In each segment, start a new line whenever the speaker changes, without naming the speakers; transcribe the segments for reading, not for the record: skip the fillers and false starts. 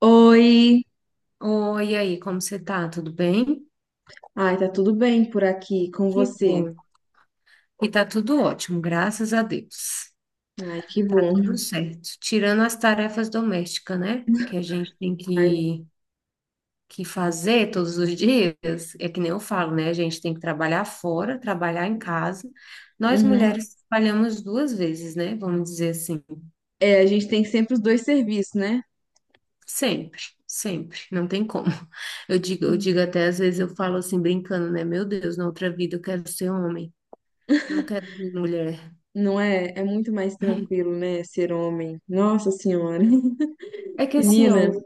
Oi,
Oi, e aí, como você tá? Tudo bem?
ai, tá tudo bem por aqui com
Que
você?
bom. E tá tudo ótimo, graças a Deus.
Ai, que
Tá
bom.
tudo certo. Tirando as tarefas domésticas, né? Que a gente tem
Ai,
que, que fazer todos os dias. É que nem eu falo, né? A gente tem que trabalhar fora, trabalhar em casa. Nós
uhum.
mulheres trabalhamos duas vezes, né? Vamos dizer assim.
É, a gente tem sempre os dois serviços, né?
Sempre, sempre. Não tem como. Eu digo até às vezes, eu falo assim, brincando, né? Meu Deus, na outra vida eu quero ser homem. Não quero ser mulher.
Não é? É muito mais tranquilo, né? Ser homem. Nossa Senhora,
É que assim, ó,
menina.
o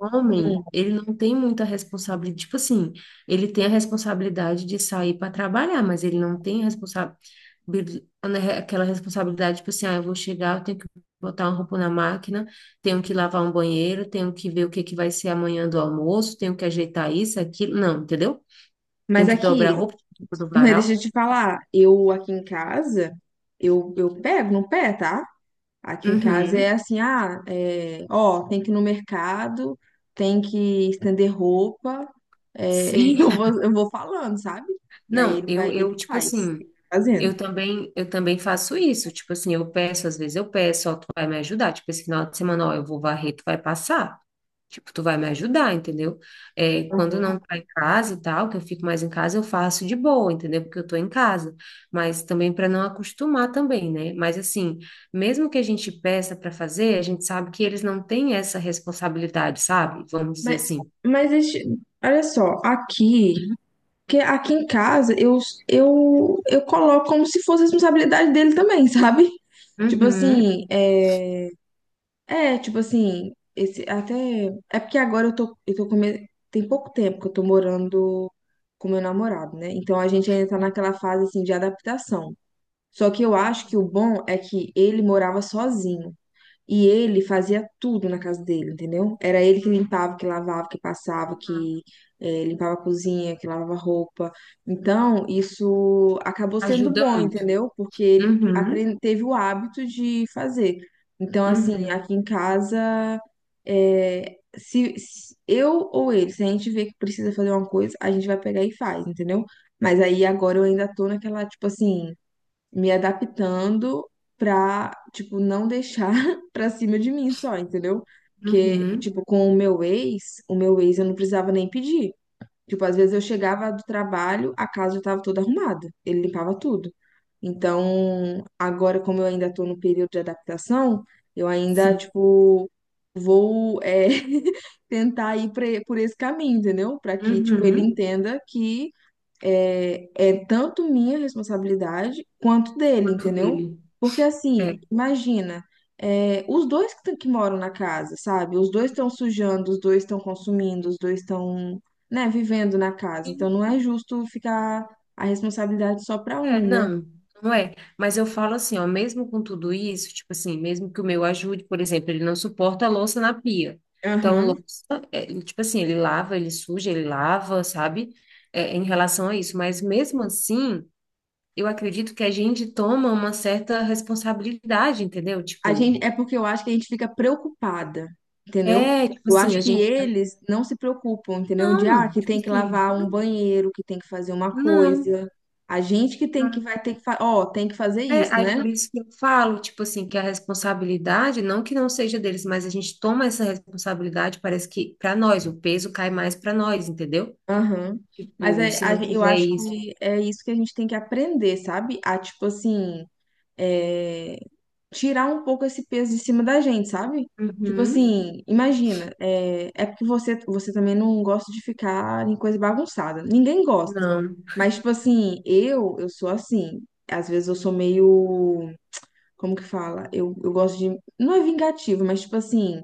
hum.
homem, ele não tem muita responsabilidade. Tipo assim, ele tem a responsabilidade de sair para trabalhar, mas ele não tem bil- né, aquela responsabilidade, tipo assim, ah, eu vou chegar, eu tenho que botar uma roupa na máquina, tenho que lavar um banheiro, tenho que ver o que que vai ser amanhã do almoço, tenho que ajeitar isso, aquilo. Não, entendeu? Tenho
Mas
que
aqui,
dobrar a roupa, tirar a roupa do
mas deixa eu
varal.
te falar, eu aqui em casa, eu pego no pé, tá? Aqui em casa é
Uhum,
assim, ah, é, ó, tem que ir no mercado, tem que estender roupa. É,
sim.
eu vou falando, sabe? E aí
Não,
ele vai,
eu,
ele
tipo
faz,
assim.
ele vai fazendo.
Eu também faço isso. Tipo assim, eu peço, às vezes eu peço, ó, tu vai me ajudar. Tipo, esse final de semana, ó, eu vou varrer, tu vai passar. Tipo, tu vai me ajudar, entendeu? É, quando
Uhum.
não tá em casa e tal, que eu fico mais em casa, eu faço de boa, entendeu? Porque eu tô em casa. Mas também para não acostumar também, né? Mas assim, mesmo que a gente peça para fazer, a gente sabe que eles não têm essa responsabilidade, sabe? Vamos dizer
Mas,
assim.
mas este- Olha só, aqui, que aqui em casa eu coloco como se fosse responsabilidade dele também, sabe? Tipo
Uhum.
assim, é, é tipo assim, esse até é porque agora eu tô come- Tem pouco tempo que eu tô morando com meu namorado, né? Então a gente ainda tá naquela fase assim de adaptação. Só que eu acho que o bom é que ele morava sozinho e ele fazia tudo na casa dele, entendeu? Era ele que limpava, que lavava, que passava,
Uhum.
que limpava a cozinha, que lavava roupa. Então, isso acabou sendo
Ajuda
bom,
muito.
entendeu?
Uhum.
Teve o hábito de fazer. Então, assim,
Uhum.
aqui em casa, se eu ou ele, se a gente vê que precisa fazer uma coisa, a gente vai pegar e faz, entendeu? Mas aí agora eu ainda tô naquela, tipo assim, me adaptando pra, tipo, não deixar pra cima de mim só, entendeu? Porque,
Uhum.
tipo, com o meu ex eu não precisava nem pedir. Tipo, às vezes eu chegava do trabalho, a casa já tava toda arrumada, ele limpava tudo. Então, agora, como eu ainda tô no período de adaptação, eu ainda,
Sim.
tipo, vou, é, tentar ir pra- por esse caminho, entendeu? Pra que, tipo, ele
Uhum.
entenda que é tanto minha responsabilidade quanto dele,
Quanto
entendeu?
dele.
Porque assim,
É.
imagina, é, os dois tão- que moram na casa, sabe? Os dois estão sujando, os dois estão consumindo, os dois estão, né, vivendo na casa. Então
Sim.
não é justo ficar a responsabilidade só para
É,
um, né?
não, não é. Mas eu falo assim, ó, mesmo com tudo isso, tipo assim, mesmo que o meu ajude, por exemplo, ele não suporta a louça na pia. Então,
Aham.
louça, é, ele, tipo assim, ele lava, ele suja, ele lava, sabe? É, em relação a isso. Mas mesmo assim, eu acredito que a gente toma uma certa responsabilidade, entendeu?
A
Tipo,
gente, é porque eu acho que a gente fica preocupada, entendeu?
é, tipo
Eu
assim,
acho
a
que
gente.
eles não se preocupam, entendeu? De, ah,
Não,
que
tipo
tem que
assim,
lavar um banheiro, que tem que fazer uma
não.
coisa. A gente que tem que vai ter que, fa- ó, tem que fazer
É,
isso,
aí
né?
por isso que eu falo, tipo assim, que a responsabilidade, não que não seja deles, mas a gente toma essa responsabilidade, parece que para nós, o peso cai mais para nós, entendeu?
Aham.
Tipo, se não
Eu
fizer
acho
isso.
que é isso que a gente tem que aprender, sabe? A, tipo assim, é, tirar um pouco esse peso de cima da gente, sabe? Tipo
Uhum,
assim, imagina, é porque você, você também não gosta de ficar em coisa bagunçada. Ninguém gosta.
não.
Mas, tipo assim, eu sou assim. Às vezes eu sou meio. Como que fala? Eu gosto de. Não é vingativo, mas, tipo assim,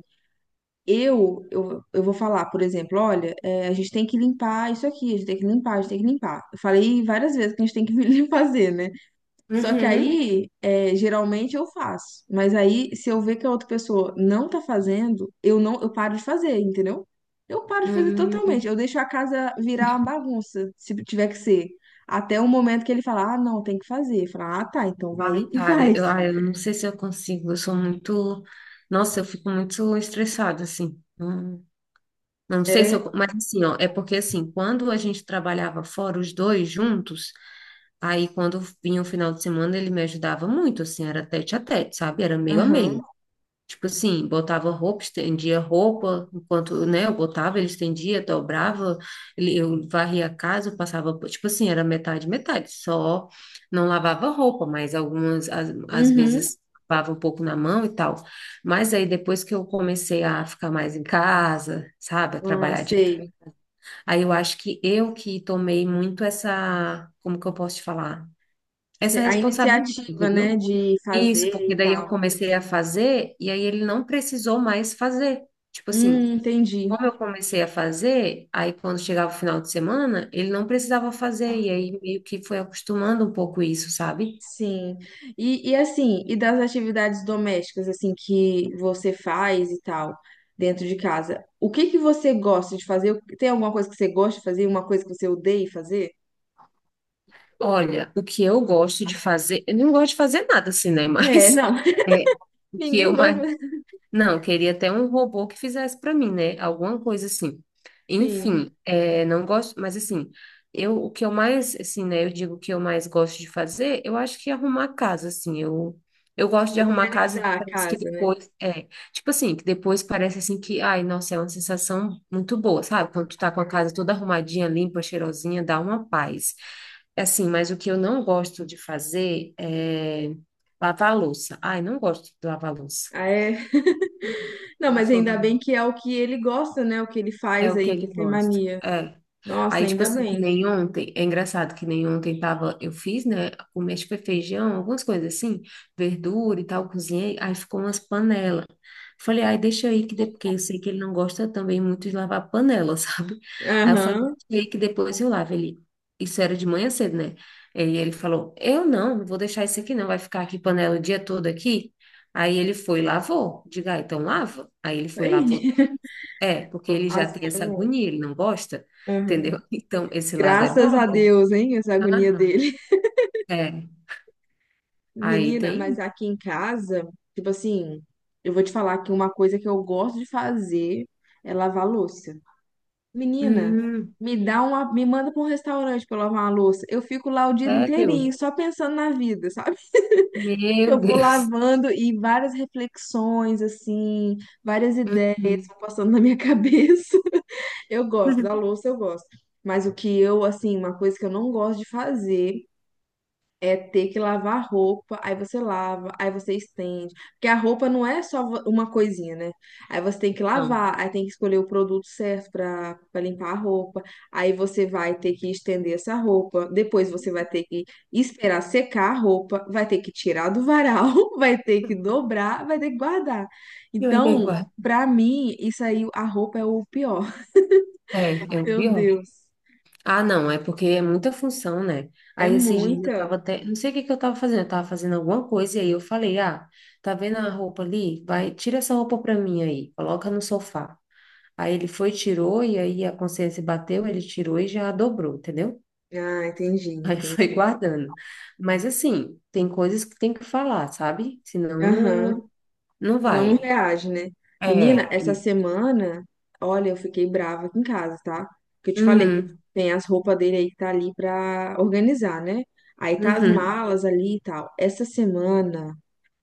eu vou falar, por exemplo, olha, é, a gente tem que limpar isso aqui, a gente tem que limpar, a gente tem que limpar. Eu falei várias vezes que a gente tem que limpar, fazer, né? Só que
Uhum,
aí, é, geralmente eu faço. Mas aí, se eu ver que a outra pessoa não tá fazendo, eu não, eu paro de fazer, entendeu? Eu paro de fazer totalmente.
uhum.
Eu deixo a casa virar uma bagunça, se tiver que ser. Até o momento que ele falar, ah, não, tem que fazer. Falar, ah, tá, então vai
Ai,
e
cara,
faz.
eu, ai, eu não sei se eu consigo, eu sou muito. Nossa, eu fico muito estressada, assim. Não, não sei se
É,
eu. Mas assim, ó, é porque assim, quando a gente trabalhava fora os dois juntos, aí, quando vinha o final de semana, ele me ajudava muito, assim, era tete a tete, sabe? Era meio a
aham,
meio. Tipo assim, botava roupa, estendia roupa, enquanto, né, eu botava, ele estendia, dobrava, ele, eu varria a casa, eu passava, tipo assim, era metade, metade, só não lavava roupa, mas algumas, às
uhum.
vezes, lavava um pouco na mão e tal. Mas aí, depois que eu comecei a ficar mais em casa, sabe, a
Ah,
trabalhar de...
sei.
Aí eu acho que eu que tomei muito essa, como que eu posso te falar? Essa
A
responsabilidade,
iniciativa, né,
entendeu?
de
Isso,
fazer
porque
e
daí eu
tal.
comecei a fazer e aí ele não precisou mais fazer. Tipo assim,
Entendi.
como eu comecei a fazer, aí quando chegava o final de semana, ele não precisava fazer e aí meio que foi acostumando um pouco isso, sabe?
Sim. E das atividades domésticas assim que você faz e tal dentro de casa, o que que você gosta de fazer? Tem alguma coisa que você gosta de fazer, uma coisa que você odeia fazer?
Olha, o que eu gosto de fazer, eu não gosto de fazer nada assim, né?
É,
Mas
não,
é, o que eu
ninguém gosta
mais...
de
Não, eu queria até um robô que fizesse para mim, né? Alguma coisa assim.
assim,
Enfim, é, não gosto, mas assim, eu o que eu mais, assim, né? Eu digo que eu mais gosto de fazer, eu acho que é arrumar casa, assim. Eu gosto de arrumar casa, e
organizar a
parece que
casa, né?
depois, é, tipo assim, que depois parece assim que, ai, nossa, é uma sensação muito boa, sabe? Quando tu tá com a casa toda arrumadinha, limpa, cheirosinha, dá uma paz. Assim, mas o que eu não gosto de fazer é lavar a louça. Ai, não gosto de lavar a louça.
Ah, é. Não,
Não
mas
sou da.
ainda bem que é o que ele gosta, né? O que ele
É
faz
o que
aí, que
ele
ele tem
gosta.
mania.
É.
Nossa,
Aí, tipo
ainda
assim, que
bem.
nem ontem, é engraçado que nem ontem tava, eu fiz, né? O mexe foi feijão, algumas coisas assim, verdura e tal, cozinhei, aí ficou umas panelas. Falei, ai, deixa aí que depois, porque eu sei que ele não gosta também muito de lavar panela, sabe? Aí eu falei,
Aham.
deixa aí que depois eu lavo. Ele, isso era de manhã cedo, né? E ele falou, eu não, não vou deixar isso aqui não, vai ficar aqui panela o dia todo aqui. Aí ele foi e lavou. Diga, ah, então lava. Aí ele foi, lavou
Aí.
é, porque ele já
Assim,
tem
eu
essa
não-
agonia, ele não gosta,
Aham.
entendeu? Então, esse lado é
Graças
bom,
a
né?
Deus, hein? Essa agonia
Aham.
dele.
É, aí
Menina, mas
tem.
aqui em casa, tipo assim, eu vou te falar que uma coisa que eu gosto de fazer é lavar louça. Menina,
Hum,
me manda para um restaurante para lavar uma louça. Eu fico lá o dia
sério?
inteirinho só pensando na vida, sabe?
Meu
Eu vou
Deus.
lavando e várias reflexões assim, várias ideias
Uhum.
vão passando na minha cabeça. Eu gosto da louça, eu gosto. Mas o que eu, assim, uma coisa que eu não gosto de fazer é ter que lavar roupa, aí você lava, aí você estende. Porque a roupa não é só uma coisinha, né? Aí você tem que
Não.
lavar, aí tem que escolher o produto certo para para limpar a roupa. Aí você vai ter que estender essa roupa. Depois você vai ter que esperar secar a roupa, vai ter que tirar do varal, vai ter que dobrar, vai ter que guardar.
Eu ainda
Então,
guardo.
pra mim, isso aí, a roupa é o pior.
É, é o
Meu
pior.
Deus,
Ah, não, é porque é muita função, né?
é
Aí esses dias eu
muita.
tava até. Não sei o que que eu tava fazendo alguma coisa e aí eu falei: ah, tá vendo a roupa ali? Vai, tira essa roupa pra mim aí, coloca no sofá. Aí ele foi, tirou, e aí a consciência bateu, ele tirou e já dobrou, entendeu?
Ah, entendi,
Aí
entendi.
foi guardando. Mas assim, tem coisas que tem que falar, sabe? Senão
Aham.
não, não
Senão não
vai.
reage, né? Menina,
É,
essa
isso.
semana, olha, eu fiquei brava aqui em casa, tá? Porque eu te falei que
Uhum,
tem as roupas dele aí que tá ali pra organizar, né? Aí tá as
uhum.
malas ali e tal. Essa semana,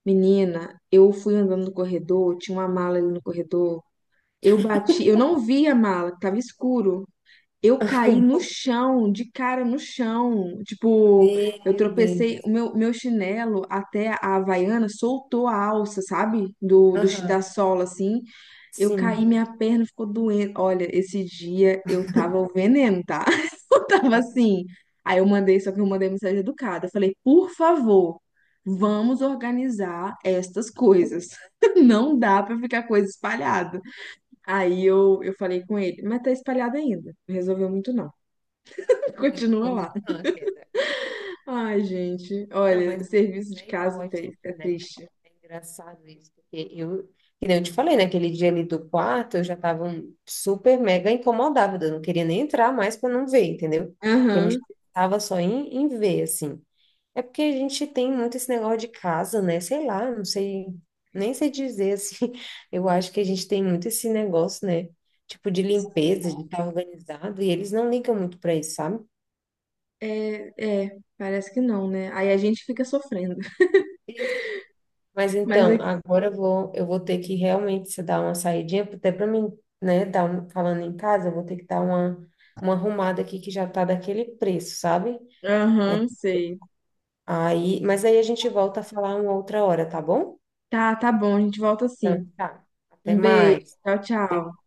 menina, eu fui andando no corredor, tinha uma mala ali no corredor. Eu bati, eu não vi a mala, que tava escuro. Eu caí no chão, de cara no chão. Tipo, eu
Meu
tropecei,
Deus.
o meu, meu chinelo até a Havaiana soltou a alça, sabe?
Aham,
Da sola, assim. Eu caí,
sim.
minha perna ficou doendo. Olha, esse dia eu tava o veneno, tá? Eu tava
Ah,
assim. Só que eu mandei mensagem educada. Eu falei, por favor, vamos organizar estas coisas. Não dá pra ficar coisa espalhada. Aí eu falei com ele, mas tá espalhado ainda. Não resolveu muito, não.
não
Continua
resolveu
lá.
muito não, a queda.
Ai, gente,
Não,
olha,
mas não
serviço de
é igual
casa
a
tri-
gente,
é
né?
triste.
É engraçado isso, porque eu, que nem eu te falei, naquele dia ali do quarto, eu já tava um- super mega incomodada, eu não queria nem entrar mais para não ver, entendeu? Porque eu me
Aham,
estava só em, em ver, assim. É porque a gente tem muito esse negócio de casa, né? Sei lá, não sei, nem sei dizer, assim. Eu acho que a gente tem muito esse negócio, né? Tipo de limpeza, de estar organizado, e eles não ligam muito para isso, sabe?
é, parece que não, né? Aí a gente fica sofrendo.
Mas
Mas,
então,
é-
agora eu vou ter que realmente se dar uma saidinha, até para mim, né, dar um- falando em casa, eu vou ter que dar uma arrumada aqui que já tá daquele preço, sabe? É,
aham, sei.
aí, mas aí a gente volta a falar uma outra hora, tá bom?
Tá, tá bom, a gente volta assim.
Então, tá. Até
Um beijo,
mais.
tchau,
Beijo.
tchau.